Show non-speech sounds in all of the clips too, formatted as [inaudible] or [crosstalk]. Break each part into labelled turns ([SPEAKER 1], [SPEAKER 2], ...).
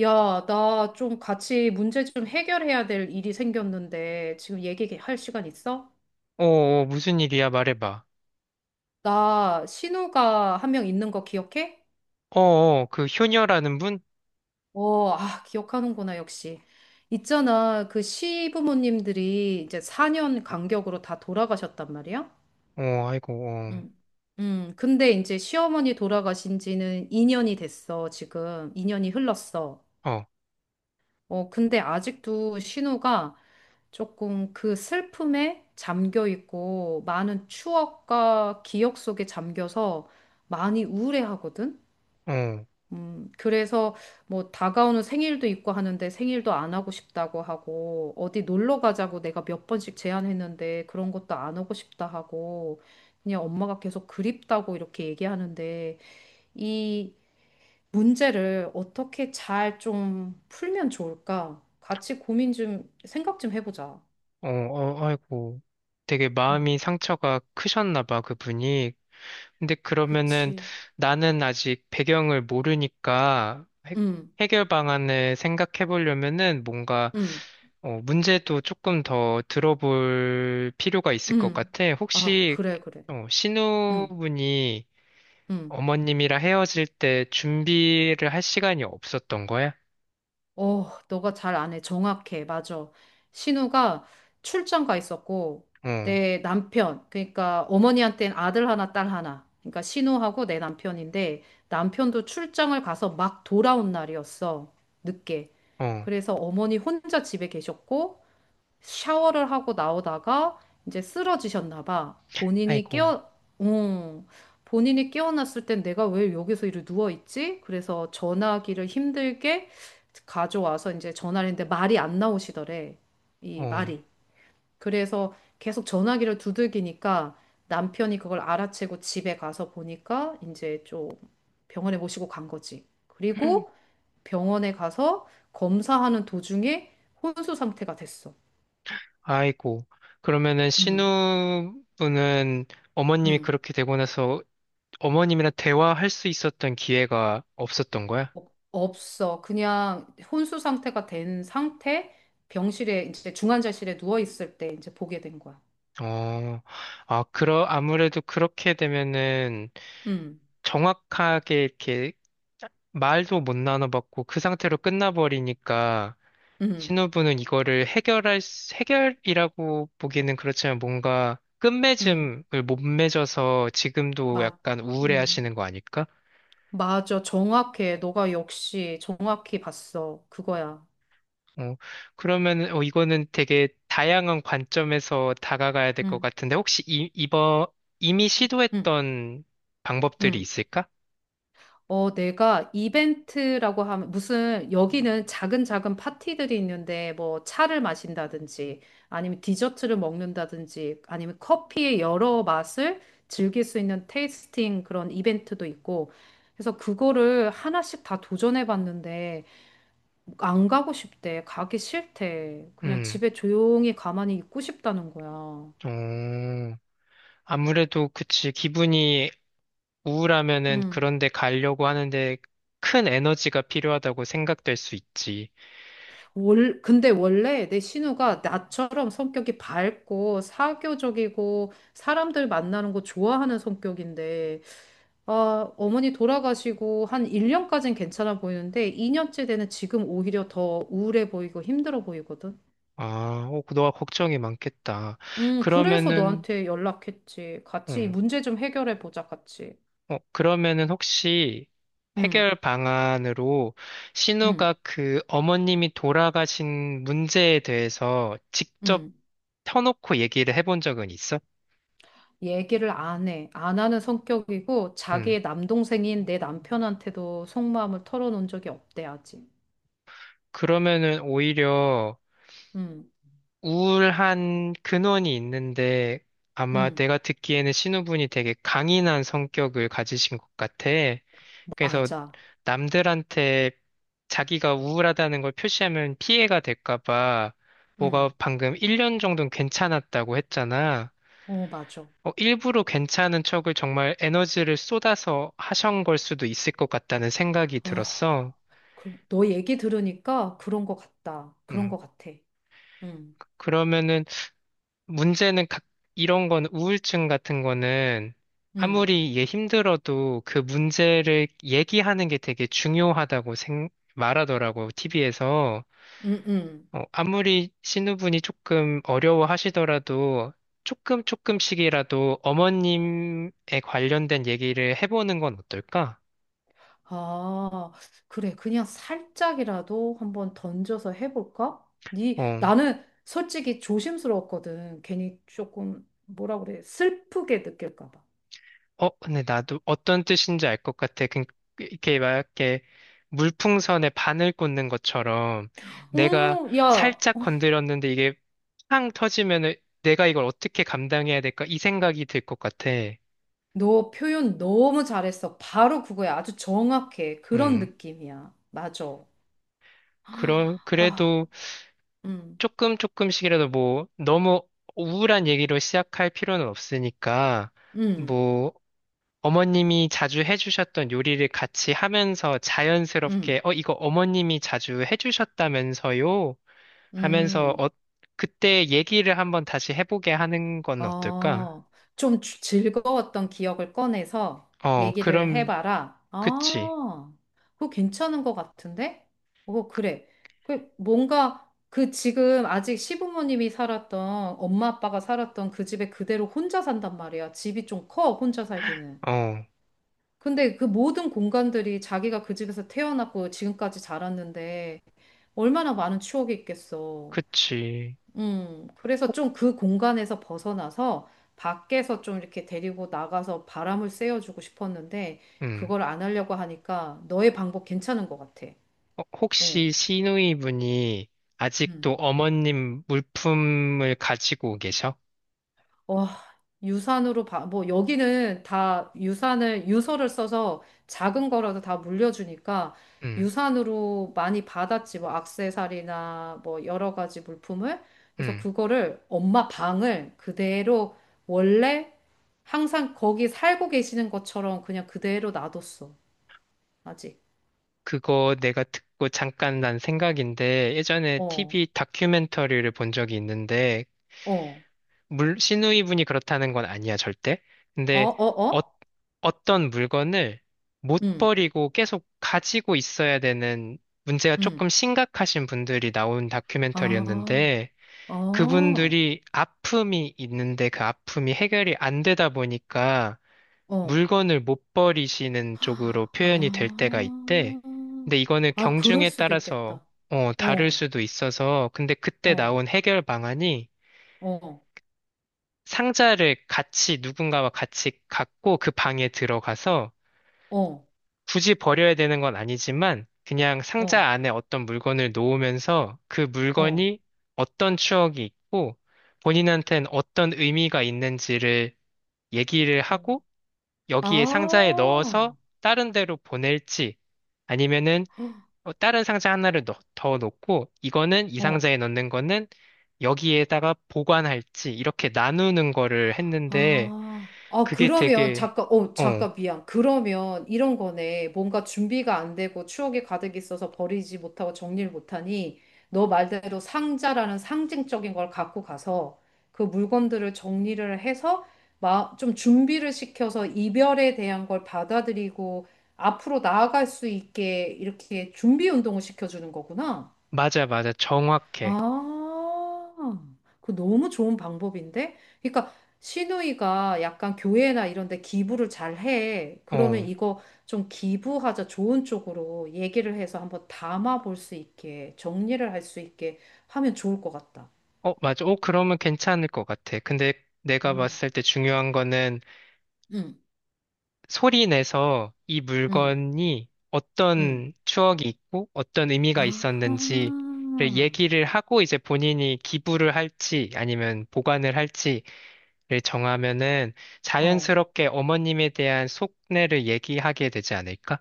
[SPEAKER 1] 야, 나 좀 같이 문제 좀 해결해야 될 일이 생겼는데 지금 얘기할 시간 있어?
[SPEAKER 2] 무슨 일이야? 말해봐.
[SPEAKER 1] 나 신우가 한 명 있는 거 기억해?
[SPEAKER 2] 그 효녀라는 분?
[SPEAKER 1] 어, 아, 기억하는구나, 역시. 있잖아, 그 시부모님들이 이제 4년 간격으로 다 돌아가셨단 말이야?
[SPEAKER 2] 어, 아이고, 어,
[SPEAKER 1] 응. 근데 이제 시어머니 돌아가신 지는 2년이 됐어, 지금. 2년이 흘렀어.
[SPEAKER 2] 어,
[SPEAKER 1] 근데 아직도 신우가 조금 그 슬픔에 잠겨 있고 많은 추억과 기억 속에 잠겨서 많이 우울해하거든.
[SPEAKER 2] 어,
[SPEAKER 1] 그래서 뭐 다가오는 생일도 있고 하는데 생일도 안 하고 싶다고 하고 어디 놀러 가자고 내가 몇 번씩 제안했는데 그런 것도 안 오고 싶다 하고 그냥 엄마가 계속 그립다고 이렇게 얘기하는데 이 문제를 어떻게 잘 좀 풀면 좋을까? 같이 고민 좀, 생각 좀 해보자.
[SPEAKER 2] 어, 어, 아이고. 되게
[SPEAKER 1] 음.
[SPEAKER 2] 마음이 상처가 크셨나 봐, 그분이. 근데 그러면은
[SPEAKER 1] 그치.
[SPEAKER 2] 나는 아직 배경을 모르니까
[SPEAKER 1] 응,
[SPEAKER 2] 해결 방안을 생각해 보려면은 뭔가
[SPEAKER 1] 응,
[SPEAKER 2] 문제도 조금 더 들어볼 필요가 있을 것
[SPEAKER 1] 응.
[SPEAKER 2] 같아.
[SPEAKER 1] 아,
[SPEAKER 2] 혹시
[SPEAKER 1] 그래, 그래.
[SPEAKER 2] 어,
[SPEAKER 1] 응,
[SPEAKER 2] 신우분이
[SPEAKER 1] 응.
[SPEAKER 2] 어머님이랑 헤어질 때 준비를 할 시간이 없었던 거야?
[SPEAKER 1] 어, 너가 잘 안 해. 정확해. 맞아. 신우가 출장 가 있었고,
[SPEAKER 2] 어,
[SPEAKER 1] 내 남편, 그러니까 어머니한테는 아들 하나, 딸 하나. 그러니까 신우하고 내 남편인데, 남편도 출장을 가서 막 돌아온 날이었어. 늦게.
[SPEAKER 2] 어,
[SPEAKER 1] 그래서 어머니 혼자 집에 계셨고, 샤워를 하고 나오다가 이제 쓰러지셨나 봐.
[SPEAKER 2] 아이고,
[SPEAKER 1] 어, 본인이 깨어났을 땐 내가 왜 여기서 이렇게 누워있지? 그래서 전화기를 힘들게 가져와서 이제 전화를 했는데 말이 안 나오시더래.
[SPEAKER 2] 어,
[SPEAKER 1] 이 말이. 그래서 계속 전화기를 두들기니까 남편이 그걸 알아채고 집에 가서 보니까 이제 좀 병원에 모시고 간 거지. 그리고
[SPEAKER 2] [clears throat]
[SPEAKER 1] 병원에 가서 검사하는 도중에 혼수 상태가 됐어.
[SPEAKER 2] 아이고. 그러면은
[SPEAKER 1] 음.
[SPEAKER 2] 신우분은 어머님이
[SPEAKER 1] 음,
[SPEAKER 2] 그렇게 되고 나서 어머님이랑 대화할 수 있었던 기회가 없었던 거야?
[SPEAKER 1] 없어. 그냥 혼수 상태가 된 상태, 병실에 이제 중환자실에 누워 있을 때 이제 보게 된 거야.
[SPEAKER 2] 어, 아무래도 그렇게 되면은
[SPEAKER 1] 음,
[SPEAKER 2] 정확하게 이렇게 말도 못 나눠봤고 그 상태로 끝나버리니까
[SPEAKER 1] 음,
[SPEAKER 2] 신호부는 이거를 해결이라고 보기는 그렇지만 뭔가
[SPEAKER 1] 음,
[SPEAKER 2] 끝맺음을 못 맺어서 지금도
[SPEAKER 1] 맞,
[SPEAKER 2] 약간 우울해
[SPEAKER 1] 음,
[SPEAKER 2] 하시는 거 아닐까?
[SPEAKER 1] 맞아. 정확해. 너가 역시 정확히 봤어. 그거야.
[SPEAKER 2] 어, 그러면, 어, 이거는 되게 다양한 관점에서 다가가야 될 것
[SPEAKER 1] 음,
[SPEAKER 2] 같은데, 혹시 이번, 이미
[SPEAKER 1] 음,
[SPEAKER 2] 시도했던 방법들이
[SPEAKER 1] 음.
[SPEAKER 2] 있을까?
[SPEAKER 1] 내가 이벤트라고 하면 무슨 여기는 작은 작은 파티들이 있는데 뭐 차를 마신다든지 아니면 디저트를 먹는다든지 아니면 커피의 여러 맛을 즐길 수 있는 테이스팅 그런 이벤트도 있고 그래서 그거를 하나씩 다 도전해 봤는데 안 가고 싶대. 가기 싫대. 그냥
[SPEAKER 2] 음,
[SPEAKER 1] 집에 조용히 가만히 있고 싶다는 거야.
[SPEAKER 2] 어, 아무래도 그치. 기분이 우울하면은 그런데 가려고 하는데 큰 에너지가 필요하다고 생각될 수 있지.
[SPEAKER 1] 근데 원래 내 신우가 나처럼 성격이 밝고 사교적이고 사람들 만나는 거 좋아하는 성격인데, 아, 어머니 돌아가시고 한 1년까진 괜찮아 보이는데 2년째 되는 지금 오히려 더 우울해 보이고 힘들어 보이거든.
[SPEAKER 2] 아, 어, 그 너가 걱정이 많겠다.
[SPEAKER 1] 그래서
[SPEAKER 2] 그러면은,
[SPEAKER 1] 너한테 연락했지. 같이 이
[SPEAKER 2] 음,
[SPEAKER 1] 문제 좀 해결해 보자, 같이.
[SPEAKER 2] 어, 그러면은 혹시 해결
[SPEAKER 1] 응
[SPEAKER 2] 방안으로 신우가
[SPEAKER 1] 응
[SPEAKER 2] 그 어머님이 돌아가신 문제에 대해서 직접
[SPEAKER 1] 응
[SPEAKER 2] 터놓고 얘기를 해본 적은 있어?
[SPEAKER 1] 얘기를 안 해. 안 하는 성격이고
[SPEAKER 2] 음,
[SPEAKER 1] 자기의 남동생인 내 남편한테도 속마음을 털어놓은 적이 없대, 아직.
[SPEAKER 2] 그러면은 오히려
[SPEAKER 1] 음,
[SPEAKER 2] 우울한 근원이 있는데 아마
[SPEAKER 1] 음,
[SPEAKER 2] 내가 듣기에는 신우분이 되게 강인한 성격을 가지신 것 같아. 그래서
[SPEAKER 1] 맞아.
[SPEAKER 2] 남들한테 자기가 우울하다는 걸 표시하면 피해가 될까 봐 뭐가
[SPEAKER 1] 음,
[SPEAKER 2] 방금 1년 정도는 괜찮았다고 했잖아.
[SPEAKER 1] 어, 맞아.
[SPEAKER 2] 어, 일부러 괜찮은 척을 정말 에너지를 쏟아서 하신 걸 수도 있을 것 같다는 생각이
[SPEAKER 1] 어,
[SPEAKER 2] 들었어.
[SPEAKER 1] 너 얘기 들으니까 그런 것 같다. 그런
[SPEAKER 2] 음,
[SPEAKER 1] 것 같아. 음,
[SPEAKER 2] 그러면은 문제는 이런 건 우울증 같은 거는
[SPEAKER 1] 음,
[SPEAKER 2] 아무리 얘 힘들어도 그 문제를 얘기하는 게 되게 중요하다고 말하더라고, TV에서.
[SPEAKER 1] 음, 음.
[SPEAKER 2] 아무리 신우분이 조금 어려워하시더라도 조금 조금씩이라도 어머님에 관련된 얘기를 해보는 건 어떨까?
[SPEAKER 1] 아, 그래. 그냥 살짝이라도 한번 던져서 해볼까?
[SPEAKER 2] 어.
[SPEAKER 1] 나는 솔직히 조심스러웠거든. 괜히 조금, 뭐라 그래. 슬프게 느낄까 봐.
[SPEAKER 2] 어, 근데 나도 어떤 뜻인지 알 것 같아. 그, 이렇게 막 이렇게 물풍선에 바늘 꽂는 것처럼 내가
[SPEAKER 1] 오, 야,
[SPEAKER 2] 살짝
[SPEAKER 1] 어,
[SPEAKER 2] 건드렸는데 이게 팡 터지면은 내가 이걸 어떻게 감당해야 될까? 이 생각이 들 것 같아.
[SPEAKER 1] 너 표현 너무 잘했어. 바로 그거야. 아주 정확해. 그런
[SPEAKER 2] 음.
[SPEAKER 1] 느낌이야. 맞아.
[SPEAKER 2] 그럼,
[SPEAKER 1] 아,
[SPEAKER 2] 그래도
[SPEAKER 1] 음,
[SPEAKER 2] 조금 조금씩이라도 뭐 너무 우울한 얘기로 시작할 필요는 없으니까
[SPEAKER 1] 음,
[SPEAKER 2] 뭐 어머님이 자주 해주셨던 요리를 같이 하면서 자연스럽게,
[SPEAKER 1] 음,
[SPEAKER 2] 어, 이거 어머님이 자주 해주셨다면서요? 하면서,
[SPEAKER 1] 음.
[SPEAKER 2] 어, 그때 얘기를 한번 다시 해보게 하는 건 어떨까?
[SPEAKER 1] 어, 좀 즐거웠던 기억을 꺼내서
[SPEAKER 2] 어,
[SPEAKER 1] 얘기를
[SPEAKER 2] 그럼,
[SPEAKER 1] 해봐라.
[SPEAKER 2] 그치.
[SPEAKER 1] 아, 그거 괜찮은 것 같은데? 어, 그래. 그 뭔가 그 지금 아직 시부모님이 살았던 엄마 아빠가 살았던 그 집에 그대로 혼자 산단 말이야. 집이 좀 커, 혼자 살기는.
[SPEAKER 2] 어,
[SPEAKER 1] 근데 그 모든 공간들이 자기가 그 집에서 태어났고 지금까지 자랐는데 얼마나 많은 추억이 있겠어.
[SPEAKER 2] 그치.
[SPEAKER 1] 그래서
[SPEAKER 2] 혹,
[SPEAKER 1] 좀 그 공간에서 벗어나서 밖에서 좀 이렇게 데리고 나가서 바람을 쐬어주고 싶었는데
[SPEAKER 2] 음.
[SPEAKER 1] 그걸 안 하려고 하니까 너의 방법 괜찮은 것 같아.
[SPEAKER 2] 어,
[SPEAKER 1] 어,
[SPEAKER 2] 혹시 시누이분이
[SPEAKER 1] 음.
[SPEAKER 2] 아직도 어머님 물품을 가지고 계셔?
[SPEAKER 1] 와, 유산으로 봐, 뭐, 여기는 다 유서를 써서 작은 거라도 다 물려주니까
[SPEAKER 2] 음,
[SPEAKER 1] 유산으로 많이 받았지, 뭐, 악세사리나 뭐, 여러 가지 물품을. 그래서
[SPEAKER 2] 음.
[SPEAKER 1] 그거를 엄마 방을 그대로 원래 항상 거기 살고 계시는 것처럼 그냥 그대로 놔뒀어, 아직.
[SPEAKER 2] 그거 내가 듣고 잠깐 난 생각인데 예전에
[SPEAKER 1] 어,
[SPEAKER 2] TV 다큐멘터리를 본 적이 있는데
[SPEAKER 1] 어,
[SPEAKER 2] 물 시누이 분이 그렇다는 건 아니야 절대.
[SPEAKER 1] 어,
[SPEAKER 2] 근데
[SPEAKER 1] 어,
[SPEAKER 2] 어,
[SPEAKER 1] 어?
[SPEAKER 2] 어떤 물건을 못
[SPEAKER 1] 응,
[SPEAKER 2] 버리고 계속 가지고 있어야 되는 문제가
[SPEAKER 1] 응.
[SPEAKER 2] 조금 심각하신 분들이 나온
[SPEAKER 1] 아,
[SPEAKER 2] 다큐멘터리였는데
[SPEAKER 1] 어,
[SPEAKER 2] 그분들이 아픔이 있는데 그 아픔이 해결이 안 되다 보니까
[SPEAKER 1] 어.
[SPEAKER 2] 물건을 못 버리시는 쪽으로 표현이 될 때가 있대.
[SPEAKER 1] 아,
[SPEAKER 2] 근데 이거는
[SPEAKER 1] 아, 그럴
[SPEAKER 2] 경중에
[SPEAKER 1] 수도
[SPEAKER 2] 따라서
[SPEAKER 1] 있겠다.
[SPEAKER 2] 어, 다를
[SPEAKER 1] 어,
[SPEAKER 2] 수도 있어서 근데 그때
[SPEAKER 1] 어,
[SPEAKER 2] 나온 해결 방안이
[SPEAKER 1] 어,
[SPEAKER 2] 상자를 같이 누군가와 같이 갖고 그 방에 들어가서
[SPEAKER 1] 어,
[SPEAKER 2] 굳이 버려야 되는 건 아니지만 그냥
[SPEAKER 1] 어,
[SPEAKER 2] 상자 안에 어떤 물건을 놓으면서 그
[SPEAKER 1] 어,
[SPEAKER 2] 물건이 어떤 추억이 있고 본인한테는 어떤 의미가 있는지를 얘기를
[SPEAKER 1] 어.
[SPEAKER 2] 하고 여기에 상자에
[SPEAKER 1] 아,
[SPEAKER 2] 넣어서 다른 데로 보낼지 아니면은 어, 다른 상자 하나를 더 넣고 이거는 이
[SPEAKER 1] 어,
[SPEAKER 2] 상자에 넣는 거는 여기에다가 보관할지 이렇게 나누는 거를 했는데
[SPEAKER 1] 아, 아,
[SPEAKER 2] 그게
[SPEAKER 1] 그러면,
[SPEAKER 2] 되게
[SPEAKER 1] 잠깐, 어,
[SPEAKER 2] 어
[SPEAKER 1] 잠깐, 미안. 그러면 이런 거네. 뭔가 준비가 안 되고 추억이 가득 있어서 버리지 못하고 정리를 못하니, 너 말대로 상자라는 상징적인 걸 갖고 가서 그 물건들을 정리를 해서 좀 준비를 시켜서 이별에 대한 걸 받아들이고 앞으로 나아갈 수 있게 이렇게 준비 운동을 시켜주는 거구나.
[SPEAKER 2] 맞아 맞아 정확해
[SPEAKER 1] 아, 그 너무 좋은 방법인데? 그러니까 시누이가 약간 교회나 이런 데 기부를 잘 해.
[SPEAKER 2] 어
[SPEAKER 1] 그러면 이거 좀 기부하자 좋은 쪽으로 얘기를 해서 한번 담아 볼 수 있게, 정리를 할 수 있게 하면 좋을 것 같다.
[SPEAKER 2] 어 맞아 어 그러면 괜찮을 것 같아 근데 내가
[SPEAKER 1] 어.
[SPEAKER 2] 봤을 때 중요한 거는
[SPEAKER 1] 응,
[SPEAKER 2] 소리 내서 이
[SPEAKER 1] 응,
[SPEAKER 2] 물건이
[SPEAKER 1] 응.
[SPEAKER 2] 어떤 추억이 있고 어떤 의미가 있었는지를
[SPEAKER 1] 아,
[SPEAKER 2] 얘기를 하고 이제 본인이 기부를 할지 아니면 보관을 할지를 정하면은
[SPEAKER 1] 어.
[SPEAKER 2] 자연스럽게 어머님에 대한 속내를 얘기하게 되지 않을까?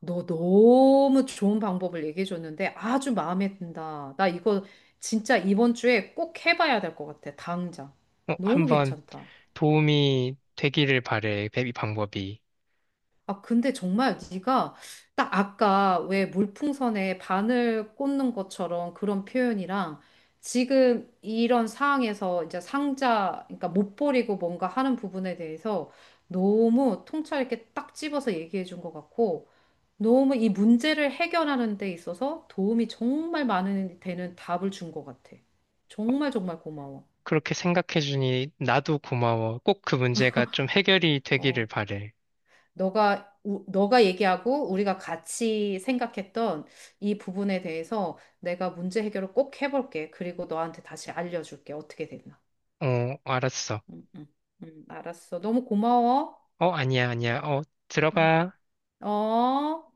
[SPEAKER 1] 너 너무 좋은 방법을 얘기해 줬는데 아주 마음에 든다. 나 이거 진짜 이번 주에 꼭 해봐야 될 것 같아. 당장.
[SPEAKER 2] 어,
[SPEAKER 1] 너무
[SPEAKER 2] 한번
[SPEAKER 1] 괜찮다.
[SPEAKER 2] 도움이 되기를 바래, 베비 방법이.
[SPEAKER 1] 아, 근데 정말 네가 딱 아까 왜 물풍선에 바늘 꽂는 것처럼 그런 표현이랑 지금 이런 상황에서 이제 상자, 그러니까 못 버리고 뭔가 하는 부분에 대해서 너무 통찰 있게 딱 집어서 얘기해 준 것 같고 너무 이 문제를 해결하는 데 있어서 도움이 정말 많은 되는 답을 준 것 같아. 정말 정말 고마워.
[SPEAKER 2] 그렇게 생각해주니 나도 고마워. 꼭 그 문제가 좀 해결이 되기를
[SPEAKER 1] 어,
[SPEAKER 2] 바래.
[SPEAKER 1] 너가 얘기하고 우리가 같이 생각했던 이 부분에 대해서 내가 문제 해결을 꼭 해볼게. 그리고 너한테 다시 알려줄게. 어떻게 됐나?
[SPEAKER 2] 어, 알았어.
[SPEAKER 1] 응, 응, 응, 알았어. 너무 고마워.
[SPEAKER 2] 어, 아니야, 아니야. 어,
[SPEAKER 1] 응.
[SPEAKER 2] 들어가.
[SPEAKER 1] 어.